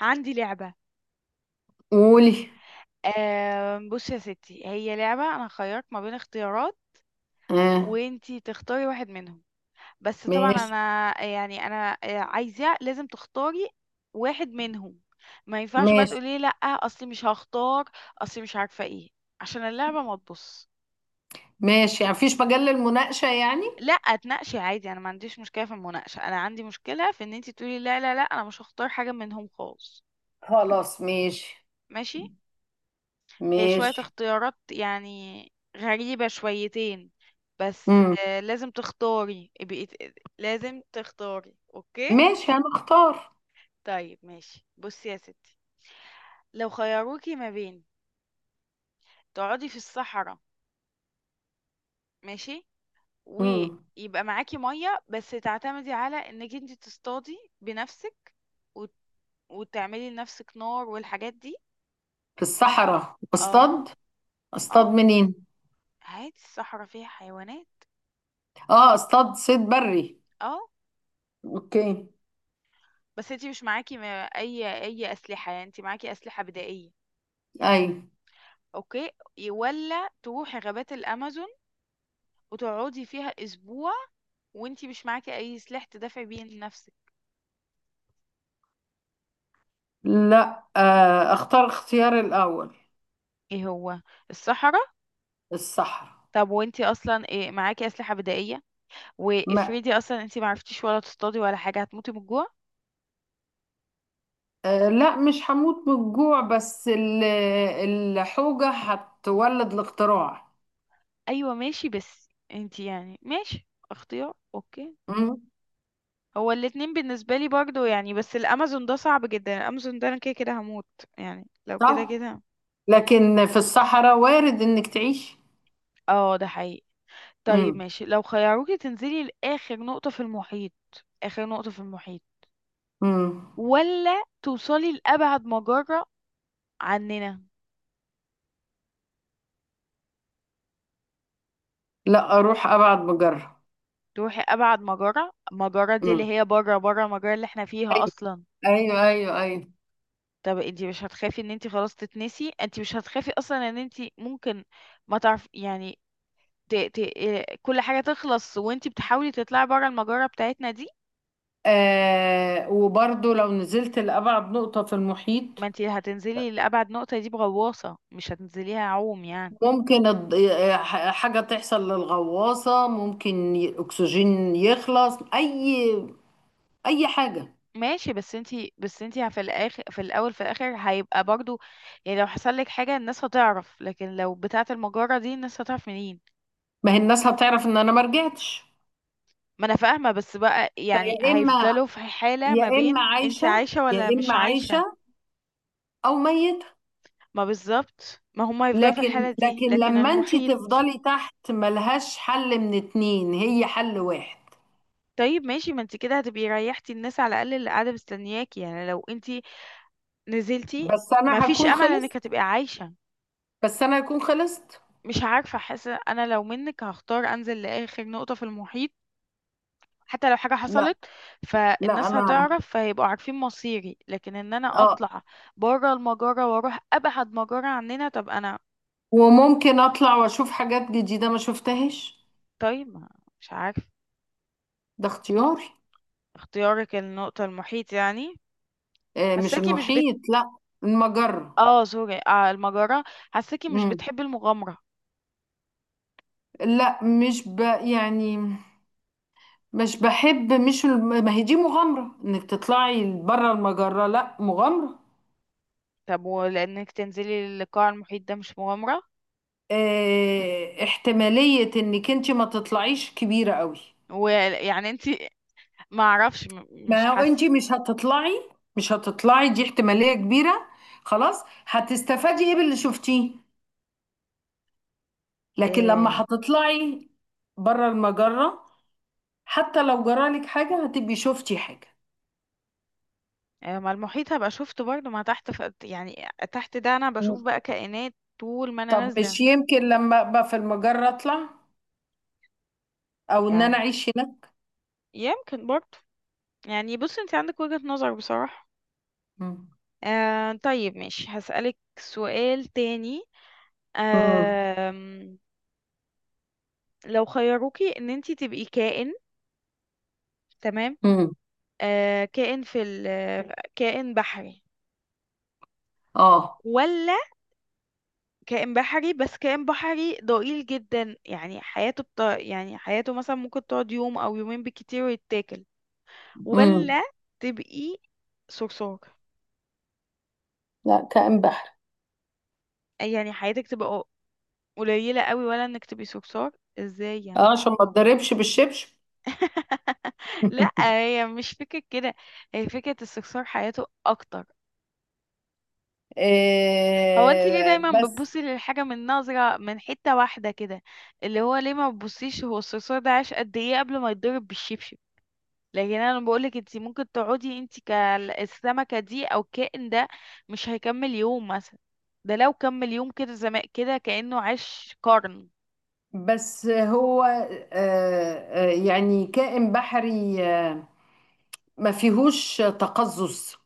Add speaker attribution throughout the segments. Speaker 1: عندي لعبة.
Speaker 2: قولي.
Speaker 1: بصي يا ستي، هي لعبة أنا خيرت ما بين اختيارات
Speaker 2: اه.
Speaker 1: وانتي تختاري واحد منهم. بس طبعا
Speaker 2: ماشي،
Speaker 1: أنا عايزة، لازم تختاري واحد منهم. ما ينفعش بقى
Speaker 2: ماشي،
Speaker 1: تقولي لأ أصلي مش هختار، أصلي مش عارفة ايه، عشان اللعبة ما تبص.
Speaker 2: ماشي، يعني مفيش مجال للمناقشة يعني.
Speaker 1: لأ تناقشي عادي، أنا ما عنديش مشكلة في المناقشة، أنا عندي مشكلة في إن انتي تقولي لا لا لا أنا مش هختار حاجة منهم خالص.
Speaker 2: خلاص ماشي.
Speaker 1: ماشي. هي شوية
Speaker 2: ماشي.
Speaker 1: اختيارات يعني غريبة شويتين، بس
Speaker 2: امم.
Speaker 1: لازم تختاري لازم تختاري، اوكي؟
Speaker 2: ماشي انا اختار.
Speaker 1: طيب ماشي، بصي يا ستي. لو خيروكي ما بين تقعدي في الصحراء، ماشي،
Speaker 2: امم.
Speaker 1: ويبقى معاكي مية بس تعتمدي على انك انت تصطادي بنفسك وت- وتعملي لنفسك نار والحاجات دي.
Speaker 2: في الصحراء
Speaker 1: اه.
Speaker 2: اصطاد.
Speaker 1: اه
Speaker 2: اصطاد منين؟
Speaker 1: عادي، الصحراء فيها حيوانات.
Speaker 2: اه، اصطاد صيد بري.
Speaker 1: اه.
Speaker 2: اوكي.
Speaker 1: بس انتي مش معاكي اي اسلحه، يعني انتي معاكي اسلحه بدائيه،
Speaker 2: اي.
Speaker 1: اوكي؟ ولا تروحي غابات الامازون وتقعدي فيها اسبوع وانتي مش معاكي اي سلاح تدافعي بيه لنفسك.
Speaker 2: لا، آه، اختار اختيار الاول،
Speaker 1: ايه هو؟ الصحراء.
Speaker 2: الصحراء.
Speaker 1: طب وانتي اصلا إيه معاكي اسلحه بدائيه،
Speaker 2: ما
Speaker 1: وافرضي اصلا انتي معرفتيش ولا تصطادي ولا حاجه، هتموتي من الجوع.
Speaker 2: آه، لا، مش هموت من الجوع، بس الحوجة هتولد الاختراع.
Speaker 1: ايوه ماشي، بس انتي يعني ماشي اختيار، اوكي.
Speaker 2: امم.
Speaker 1: هو الاتنين بالنسبه لي برضو يعني، بس الامازون ده صعب جدا، الامازون ده انا كده كده هموت، يعني لو كده
Speaker 2: صح،
Speaker 1: كده.
Speaker 2: لكن في الصحراء وارد انك تعيش.
Speaker 1: اه ده حقيقي. طيب
Speaker 2: امم.
Speaker 1: ماشي، لو خيروكي تنزلي لآخر نقطة في المحيط، آخر نقطة في المحيط،
Speaker 2: امم.
Speaker 1: ولا توصلي لأبعد مجرة عننا.
Speaker 2: لا، اروح ابعد بجره.
Speaker 1: تروحي أبعد مجرة، المجرة دي اللي
Speaker 2: امم.
Speaker 1: هي بره بره المجرة اللي احنا فيها
Speaker 2: ايوه،
Speaker 1: أصلا.
Speaker 2: ايوه، ايوه، أيوه.
Speaker 1: طب انتي مش هتخافي ان انتي خلاص تتنسي؟ انتي مش هتخافي أصلا ان انتي ممكن ما تعرف يعني ت... ت... إيه، كل حاجة تخلص وانتي بتحاولي تطلعي بره المجرة بتاعتنا دي.
Speaker 2: آه، وبرضو لو نزلت لأبعد نقطة في
Speaker 1: ما
Speaker 2: المحيط.
Speaker 1: انتي هتنزلي لأبعد نقطة دي بغواصة، مش هتنزليها عوم يعني.
Speaker 2: ممكن حاجة تحصل للغواصة، ممكن أكسجين يخلص، أي أي حاجة.
Speaker 1: ماشي، بس انتي في الاخر، في الاول في الاخر هيبقى برضو، يعني لو حصل لك حاجه الناس هتعرف، لكن لو بتاعه المجره دي الناس هتعرف منين؟
Speaker 2: ما هي الناس هتعرف إن أنا ما رجعتش.
Speaker 1: ما انا فاهمه، بس بقى يعني
Speaker 2: فيا إما
Speaker 1: هيفضلوا في حاله ما
Speaker 2: يا إما
Speaker 1: بين انتي
Speaker 2: عايشة،
Speaker 1: عايشه
Speaker 2: يا
Speaker 1: ولا مش
Speaker 2: إما
Speaker 1: عايشه.
Speaker 2: عايشة أو ميتة.
Speaker 1: ما بالظبط، ما هم هيفضلوا في
Speaker 2: لكن
Speaker 1: الحاله دي،
Speaker 2: لكن
Speaker 1: لكن
Speaker 2: لما انت
Speaker 1: المحيط.
Speaker 2: تفضلي تحت ملهاش حل، من اتنين هي حل واحد.
Speaker 1: طيب ماشي، ما انتي كده هتبقي ريحتي الناس على الاقل اللي قاعده مستنياكي، يعني لو انتي نزلتي
Speaker 2: بس
Speaker 1: ما
Speaker 2: انا
Speaker 1: فيش
Speaker 2: هكون
Speaker 1: امل انك
Speaker 2: خلصت.
Speaker 1: هتبقي عايشه.
Speaker 2: بس انا هكون خلصت.
Speaker 1: مش عارفه، حاسه انا لو منك هختار انزل لاخر نقطه في المحيط، حتى لو حاجة
Speaker 2: لا،
Speaker 1: حصلت
Speaker 2: لا،
Speaker 1: فالناس
Speaker 2: انا،
Speaker 1: هتعرف، فيبقوا عارفين مصيري، لكن ان انا
Speaker 2: اه.
Speaker 1: اطلع بره المجرة واروح ابعد مجرة عننا، طب انا.
Speaker 2: وممكن اطلع واشوف حاجات جديدة ما شفتهاش.
Speaker 1: طيب مش عارف.
Speaker 2: ده اختياري.
Speaker 1: اختيارك النقطة المحيط يعني؟
Speaker 2: آه، مش
Speaker 1: حساكي مش بت.
Speaker 2: المحيط، لا، المجرة.
Speaker 1: اه سوري، المجرة. حساكي مش
Speaker 2: مم.
Speaker 1: بتحبي المغامرة.
Speaker 2: لا، مش ب يعني مش بحب، مش الم- ما هي دي مغامرة، انك تطلعي بره المجرة، لا مغامرة.
Speaker 1: طب ولانك تنزلي للقاع المحيط ده مش مغامرة؟
Speaker 2: آه، احتمالية انك انت ما تطلعيش كبيرة قوي.
Speaker 1: ويعني انتي ما اعرفش مش
Speaker 2: ما هو
Speaker 1: حاسة.
Speaker 2: انت مش هتطلعي، دي احتمالية كبيرة. خلاص، هتستفادي ايه باللي شفتيه؟ لكن لما
Speaker 1: آه،
Speaker 2: هتطلعي بره المجرة، حتى لو جرالك حاجة هتبقي شفتي حاجة.
Speaker 1: ما المحيط هبقى شفته برضه، ما تحت يعني تحت ده انا
Speaker 2: م.
Speaker 1: بشوف بقى كائنات طول ما انا
Speaker 2: طب
Speaker 1: نازلة.
Speaker 2: مش يمكن لما ابقى في المجرة اطلع، او ان انا
Speaker 1: يعني
Speaker 2: اعيش هناك.
Speaker 1: يمكن برضه. يعني بص انت عندك وجهة نظر بصراحة.
Speaker 2: مم.
Speaker 1: آه طيب ماشي، هسألك سؤال تاني.
Speaker 2: مم.
Speaker 1: آه لو خيروكي ان انت تبقي كائن، تمام.
Speaker 2: مم.
Speaker 1: آه كائن كائن بحري،
Speaker 2: اه.
Speaker 1: ولا كائن بحري؟ بس كائن بحري ضئيل جدا يعني حياته يعني حياته مثلا ممكن تقعد يوم او يومين بالكتير ويتاكل،
Speaker 2: مم.
Speaker 1: ولا تبقي صرصار.
Speaker 2: لا، كائن بحر.
Speaker 1: يعني حياتك تبقى قليلة قوي، ولا انك تبقي صرصار؟ ازاي يعني؟
Speaker 2: اه، عشان ما اتضربش بالشبشب.
Speaker 1: لا هي مش فكرة كده، هي فكرة الصرصار حياته اكتر. هو انت ليه
Speaker 2: آه،
Speaker 1: دايما بتبصي للحاجة من نظرة من حتة واحدة كده؟ اللي هو ليه ما بتبصيش هو الصرصار ده عاش قد ايه قبل ما يتضرب بالشبشب؟ لكن انا بقولك انت ممكن تقعدي انت كالسمكه دي او الكائن ده مش هيكمل يوم مثلا. ده لو كمل يوم كده زمان، كده كانه عاش قرن.
Speaker 2: بس هو آه، آه، يعني كائن بحري آه، ما فيهوش تقزز.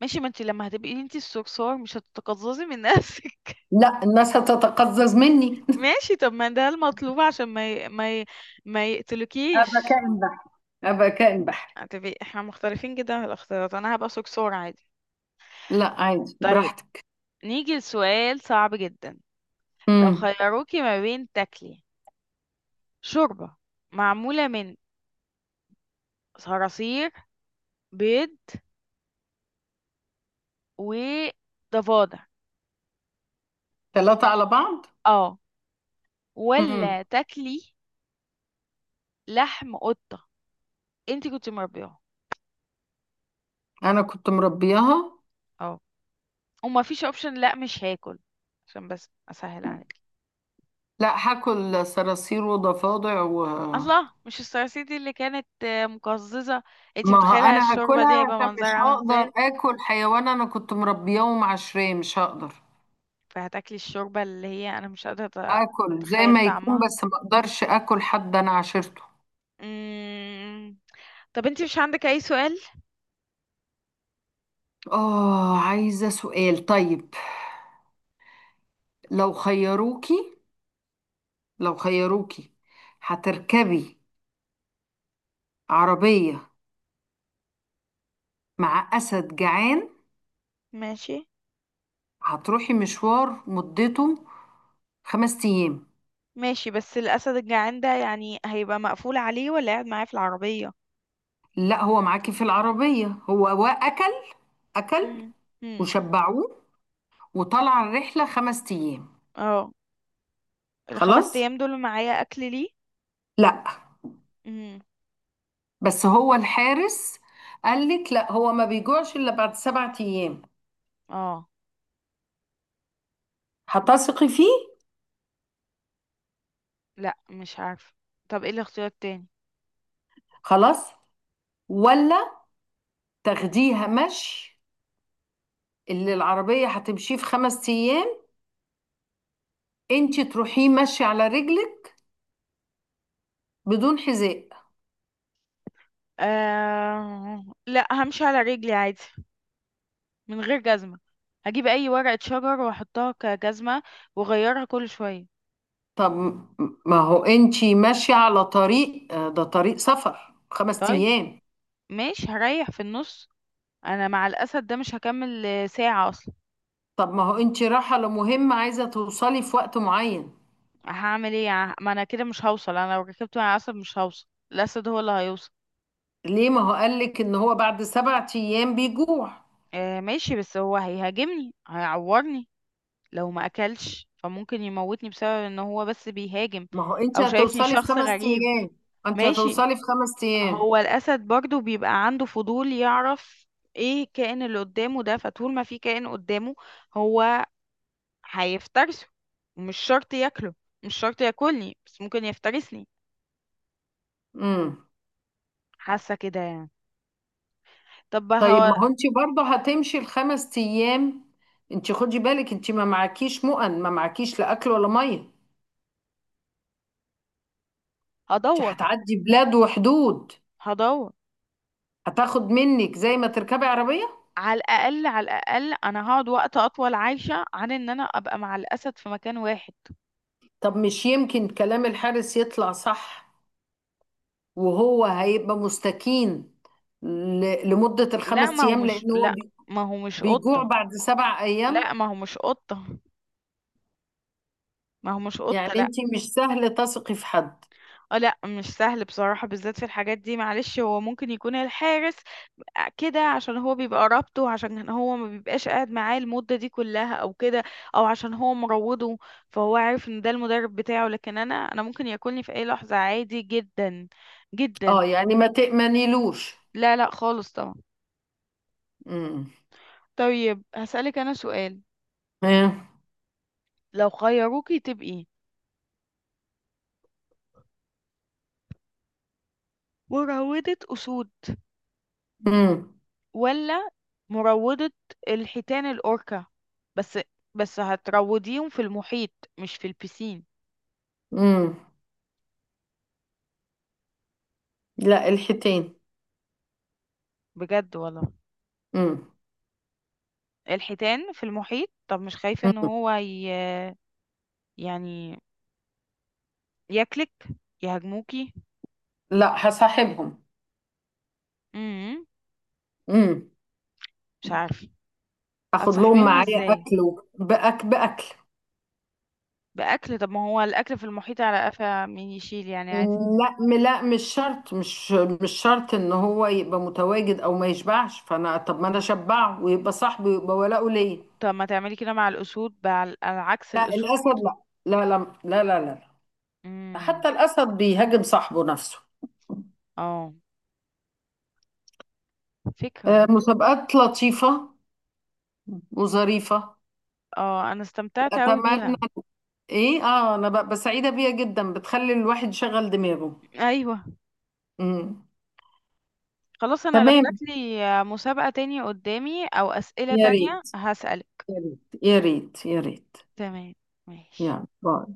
Speaker 1: ماشي، ما انت لما هتبقي انت الصرصار مش هتتقززي من نفسك؟
Speaker 2: لا، الناس هتتقزز مني.
Speaker 1: ماشي، طب ما ده المطلوب عشان ما
Speaker 2: ابقى
Speaker 1: يقتلكيش.
Speaker 2: كائن بحري. ابقى كائن بحري.
Speaker 1: هتبقي احنا مختلفين جدا في الاختيارات، انا هبقى صرصار عادي.
Speaker 2: لا، عادي
Speaker 1: طيب
Speaker 2: براحتك.
Speaker 1: نيجي لسؤال صعب جدا. لو
Speaker 2: امم.
Speaker 1: خيروكي ما بين تاكلي شوربه معموله من صراصير، بيض، وضفادع.
Speaker 2: ثلاثة على بعض.
Speaker 1: اه. ولا
Speaker 2: امم.
Speaker 1: تاكلي لحم قطة انت كنت مربياه.
Speaker 2: انا كنت مربياها.
Speaker 1: اه. وما فيش اوبشن لا مش هاكل، عشان بس اسهل عليك.
Speaker 2: لا، هاكل صراصير وضفادع و...
Speaker 1: الله! مش الصراصير دي اللي كانت مقززة؟ انت
Speaker 2: ما هو
Speaker 1: متخيلة
Speaker 2: انا
Speaker 1: الشوربة
Speaker 2: هاكلها
Speaker 1: دي هيبقى
Speaker 2: عشان
Speaker 1: منظرها
Speaker 2: مش
Speaker 1: عامل
Speaker 2: هقدر
Speaker 1: ازاي؟
Speaker 2: اكل حيوان انا كنت مربياه ومعشراه، مش هقدر
Speaker 1: فهتاكلي الشوربة اللي هي انا مش قادرة أت-
Speaker 2: اكل زي
Speaker 1: اتخيل
Speaker 2: ما يكون،
Speaker 1: طعمها.
Speaker 2: بس ما اقدرش اكل حد انا عاشرته.
Speaker 1: مم. طب انت مش عندك اي سؤال؟
Speaker 2: اه، عايزة سؤال طيب. لو خيروكي لو خيروكي هتركبي عربية مع أسد جعان،
Speaker 1: ماشي.
Speaker 2: هتروحي مشوار مدته 5 أيام.
Speaker 1: ماشي، بس الاسد الجعان ده يعني هيبقى مقفول عليه ولا قاعد معاه في العربية؟
Speaker 2: لا، هو معاكي في العربية، هو وأكل. أكل،
Speaker 1: مم. مم.
Speaker 2: وشبعوه، وطلع الرحلة 5 أيام.
Speaker 1: اه الخمس
Speaker 2: خلاص.
Speaker 1: ايام دول معايا اكل ليه؟
Speaker 2: لا،
Speaker 1: امم.
Speaker 2: بس هو الحارس قال لك لا، هو ما بيجوعش إلا بعد 7 أيام.
Speaker 1: اه
Speaker 2: هتثقي فيه؟
Speaker 1: لا مش عارفه. طب ايه الاختيار التاني؟
Speaker 2: خلاص. ولا تاخديها مشي؟ اللي العربية هتمشيه في 5 أيام انتي تروحيه مشي على رجلك بدون حذاء.
Speaker 1: لا همشي على رجلي عادي من غير جزمه، هجيب اي ورقه شجر واحطها كجزمه واغيرها كل شويه.
Speaker 2: طب م- ما هو انتي ماشية على طريق آه، ده طريق سفر خمس
Speaker 1: طيب
Speaker 2: أيام
Speaker 1: ماشي هريح في النص. انا مع الاسد ده مش هكمل ساعه اصلا.
Speaker 2: طب ما هو انتي رايحة لمهمة، عايزة توصلي في وقت معين.
Speaker 1: هعمل ايه ما انا كده مش هوصل، انا لو ركبت مع الاسد مش هوصل، الاسد هو اللي هيوصل.
Speaker 2: ليه، ما هو قالك ان هو بعد 7 أيام بيجوع.
Speaker 1: آه ماشي، بس هو هيهاجمني، هيعورني. لو ما اكلش فممكن يموتني بسبب ان هو بس بيهاجم،
Speaker 2: ما هو انتي
Speaker 1: او شايفني
Speaker 2: هتوصلي في
Speaker 1: شخص
Speaker 2: خمس
Speaker 1: غريب.
Speaker 2: أيام انتي
Speaker 1: ماشي،
Speaker 2: هتوصلي في خمس أيام.
Speaker 1: هو الاسد برضو بيبقى عنده فضول يعرف ايه الكائن اللي قدامه ده، فطول ما في كائن قدامه هو هيفترسه، ومش شرط ياكله، مش شرط ياكلني بس ممكن يفترسني.
Speaker 2: مم.
Speaker 1: حاسه كده يعني. طب
Speaker 2: طيب،
Speaker 1: هو
Speaker 2: ما هو انت برضه هتمشي الخمس ايام. انت خدي بالك انت ما معكيش مؤن، ما معكيش لا اكل ولا ميه. انت
Speaker 1: هدور
Speaker 2: هتعدي بلاد وحدود.
Speaker 1: هدور،
Speaker 2: هتاخد منك زي ما تركبي عربيه.
Speaker 1: على الاقل على الاقل انا هقعد وقت اطول عايشه عن ان انا ابقى مع الاسد في مكان واحد.
Speaker 2: طب مش يمكن كلام الحارس يطلع صح، وهو هيبقى مستكين لمده
Speaker 1: لا ما
Speaker 2: الخمس
Speaker 1: هو
Speaker 2: ايام،
Speaker 1: مش
Speaker 2: لان هو
Speaker 1: لا ما هو مش
Speaker 2: بيجوع
Speaker 1: قطة.
Speaker 2: بعد 7 ايام.
Speaker 1: لا ما هو مش قطة. ما هو مش
Speaker 2: يعني
Speaker 1: قطة، لا.
Speaker 2: انت مش سهل تثقي في حد.
Speaker 1: اه لا مش سهل بصراحة، بالذات في الحاجات دي. معلش هو ممكن يكون الحارس كده عشان هو بيبقى رابطه، عشان هو ما بيبقاش قاعد معاه المدة دي كلها او كده، او عشان هو مروضه فهو عارف ان ده المدرب بتاعه، لكن انا ممكن ياكلني في اي لحظة عادي جدا
Speaker 2: اه،
Speaker 1: جدا.
Speaker 2: يعني ما تأمنيلوش.
Speaker 1: لا لا خالص طبعا.
Speaker 2: امم.
Speaker 1: طيب هسألك انا سؤال. لو خيروكي تبقي مروضة اسود،
Speaker 2: امم.
Speaker 1: ولا مروضة الحيتان الأوركا؟ بس بس هتروضيهم في المحيط مش في البسين.
Speaker 2: امم. لا، الحيتين.
Speaker 1: بجد والله
Speaker 2: امم.
Speaker 1: الحيتان في المحيط؟ طب مش خايفة ان
Speaker 2: امم.
Speaker 1: هو يعني ياكلك، يهاجموكي؟
Speaker 2: لا، هصاحبهم.
Speaker 1: امم.
Speaker 2: امم.
Speaker 1: مش عارفة،
Speaker 2: اخد لهم
Speaker 1: هتصاحبيهم
Speaker 2: معايا
Speaker 1: ازاي؟
Speaker 2: اكل وبأك باكل باكل.
Speaker 1: بأكل؟ طب ما هو الأكل في المحيط على قفا مين يشيل، يعني عادي.
Speaker 2: لا، مش مش شرط ان هو يبقى متواجد او ما يشبعش، فانا طب ما انا اشبعه ويبقى صاحبي ويبقى ولاؤه ليا.
Speaker 1: طب ما تعملي كده مع الأسود بقى، على عكس
Speaker 2: لا،
Speaker 1: الأسود.
Speaker 2: الاسد، لا، لا، لا. لا، لا، لا، لا.
Speaker 1: امم.
Speaker 2: حتى الاسد بيهاجم صاحبه نفسه.
Speaker 1: اه فكرة
Speaker 2: آه،
Speaker 1: برضه.
Speaker 2: مسابقات لطيفة وظريفة.
Speaker 1: اه انا استمتعت قوي
Speaker 2: اتمنى.
Speaker 1: بيها.
Speaker 2: ايه اه، انا ببقى سعيدة بيها جدا، بتخلي الواحد يشغل دماغه.
Speaker 1: ايوه.
Speaker 2: امم.
Speaker 1: خلاص انا لو
Speaker 2: تمام.
Speaker 1: جاتلي مسابقة تاني قدامي او اسئلة
Speaker 2: يا
Speaker 1: تانية
Speaker 2: ريت،
Speaker 1: هسألك.
Speaker 2: يا ريت، يا ريت، يا ريت.
Speaker 1: تمام. ماشي.
Speaker 2: يلا، باي.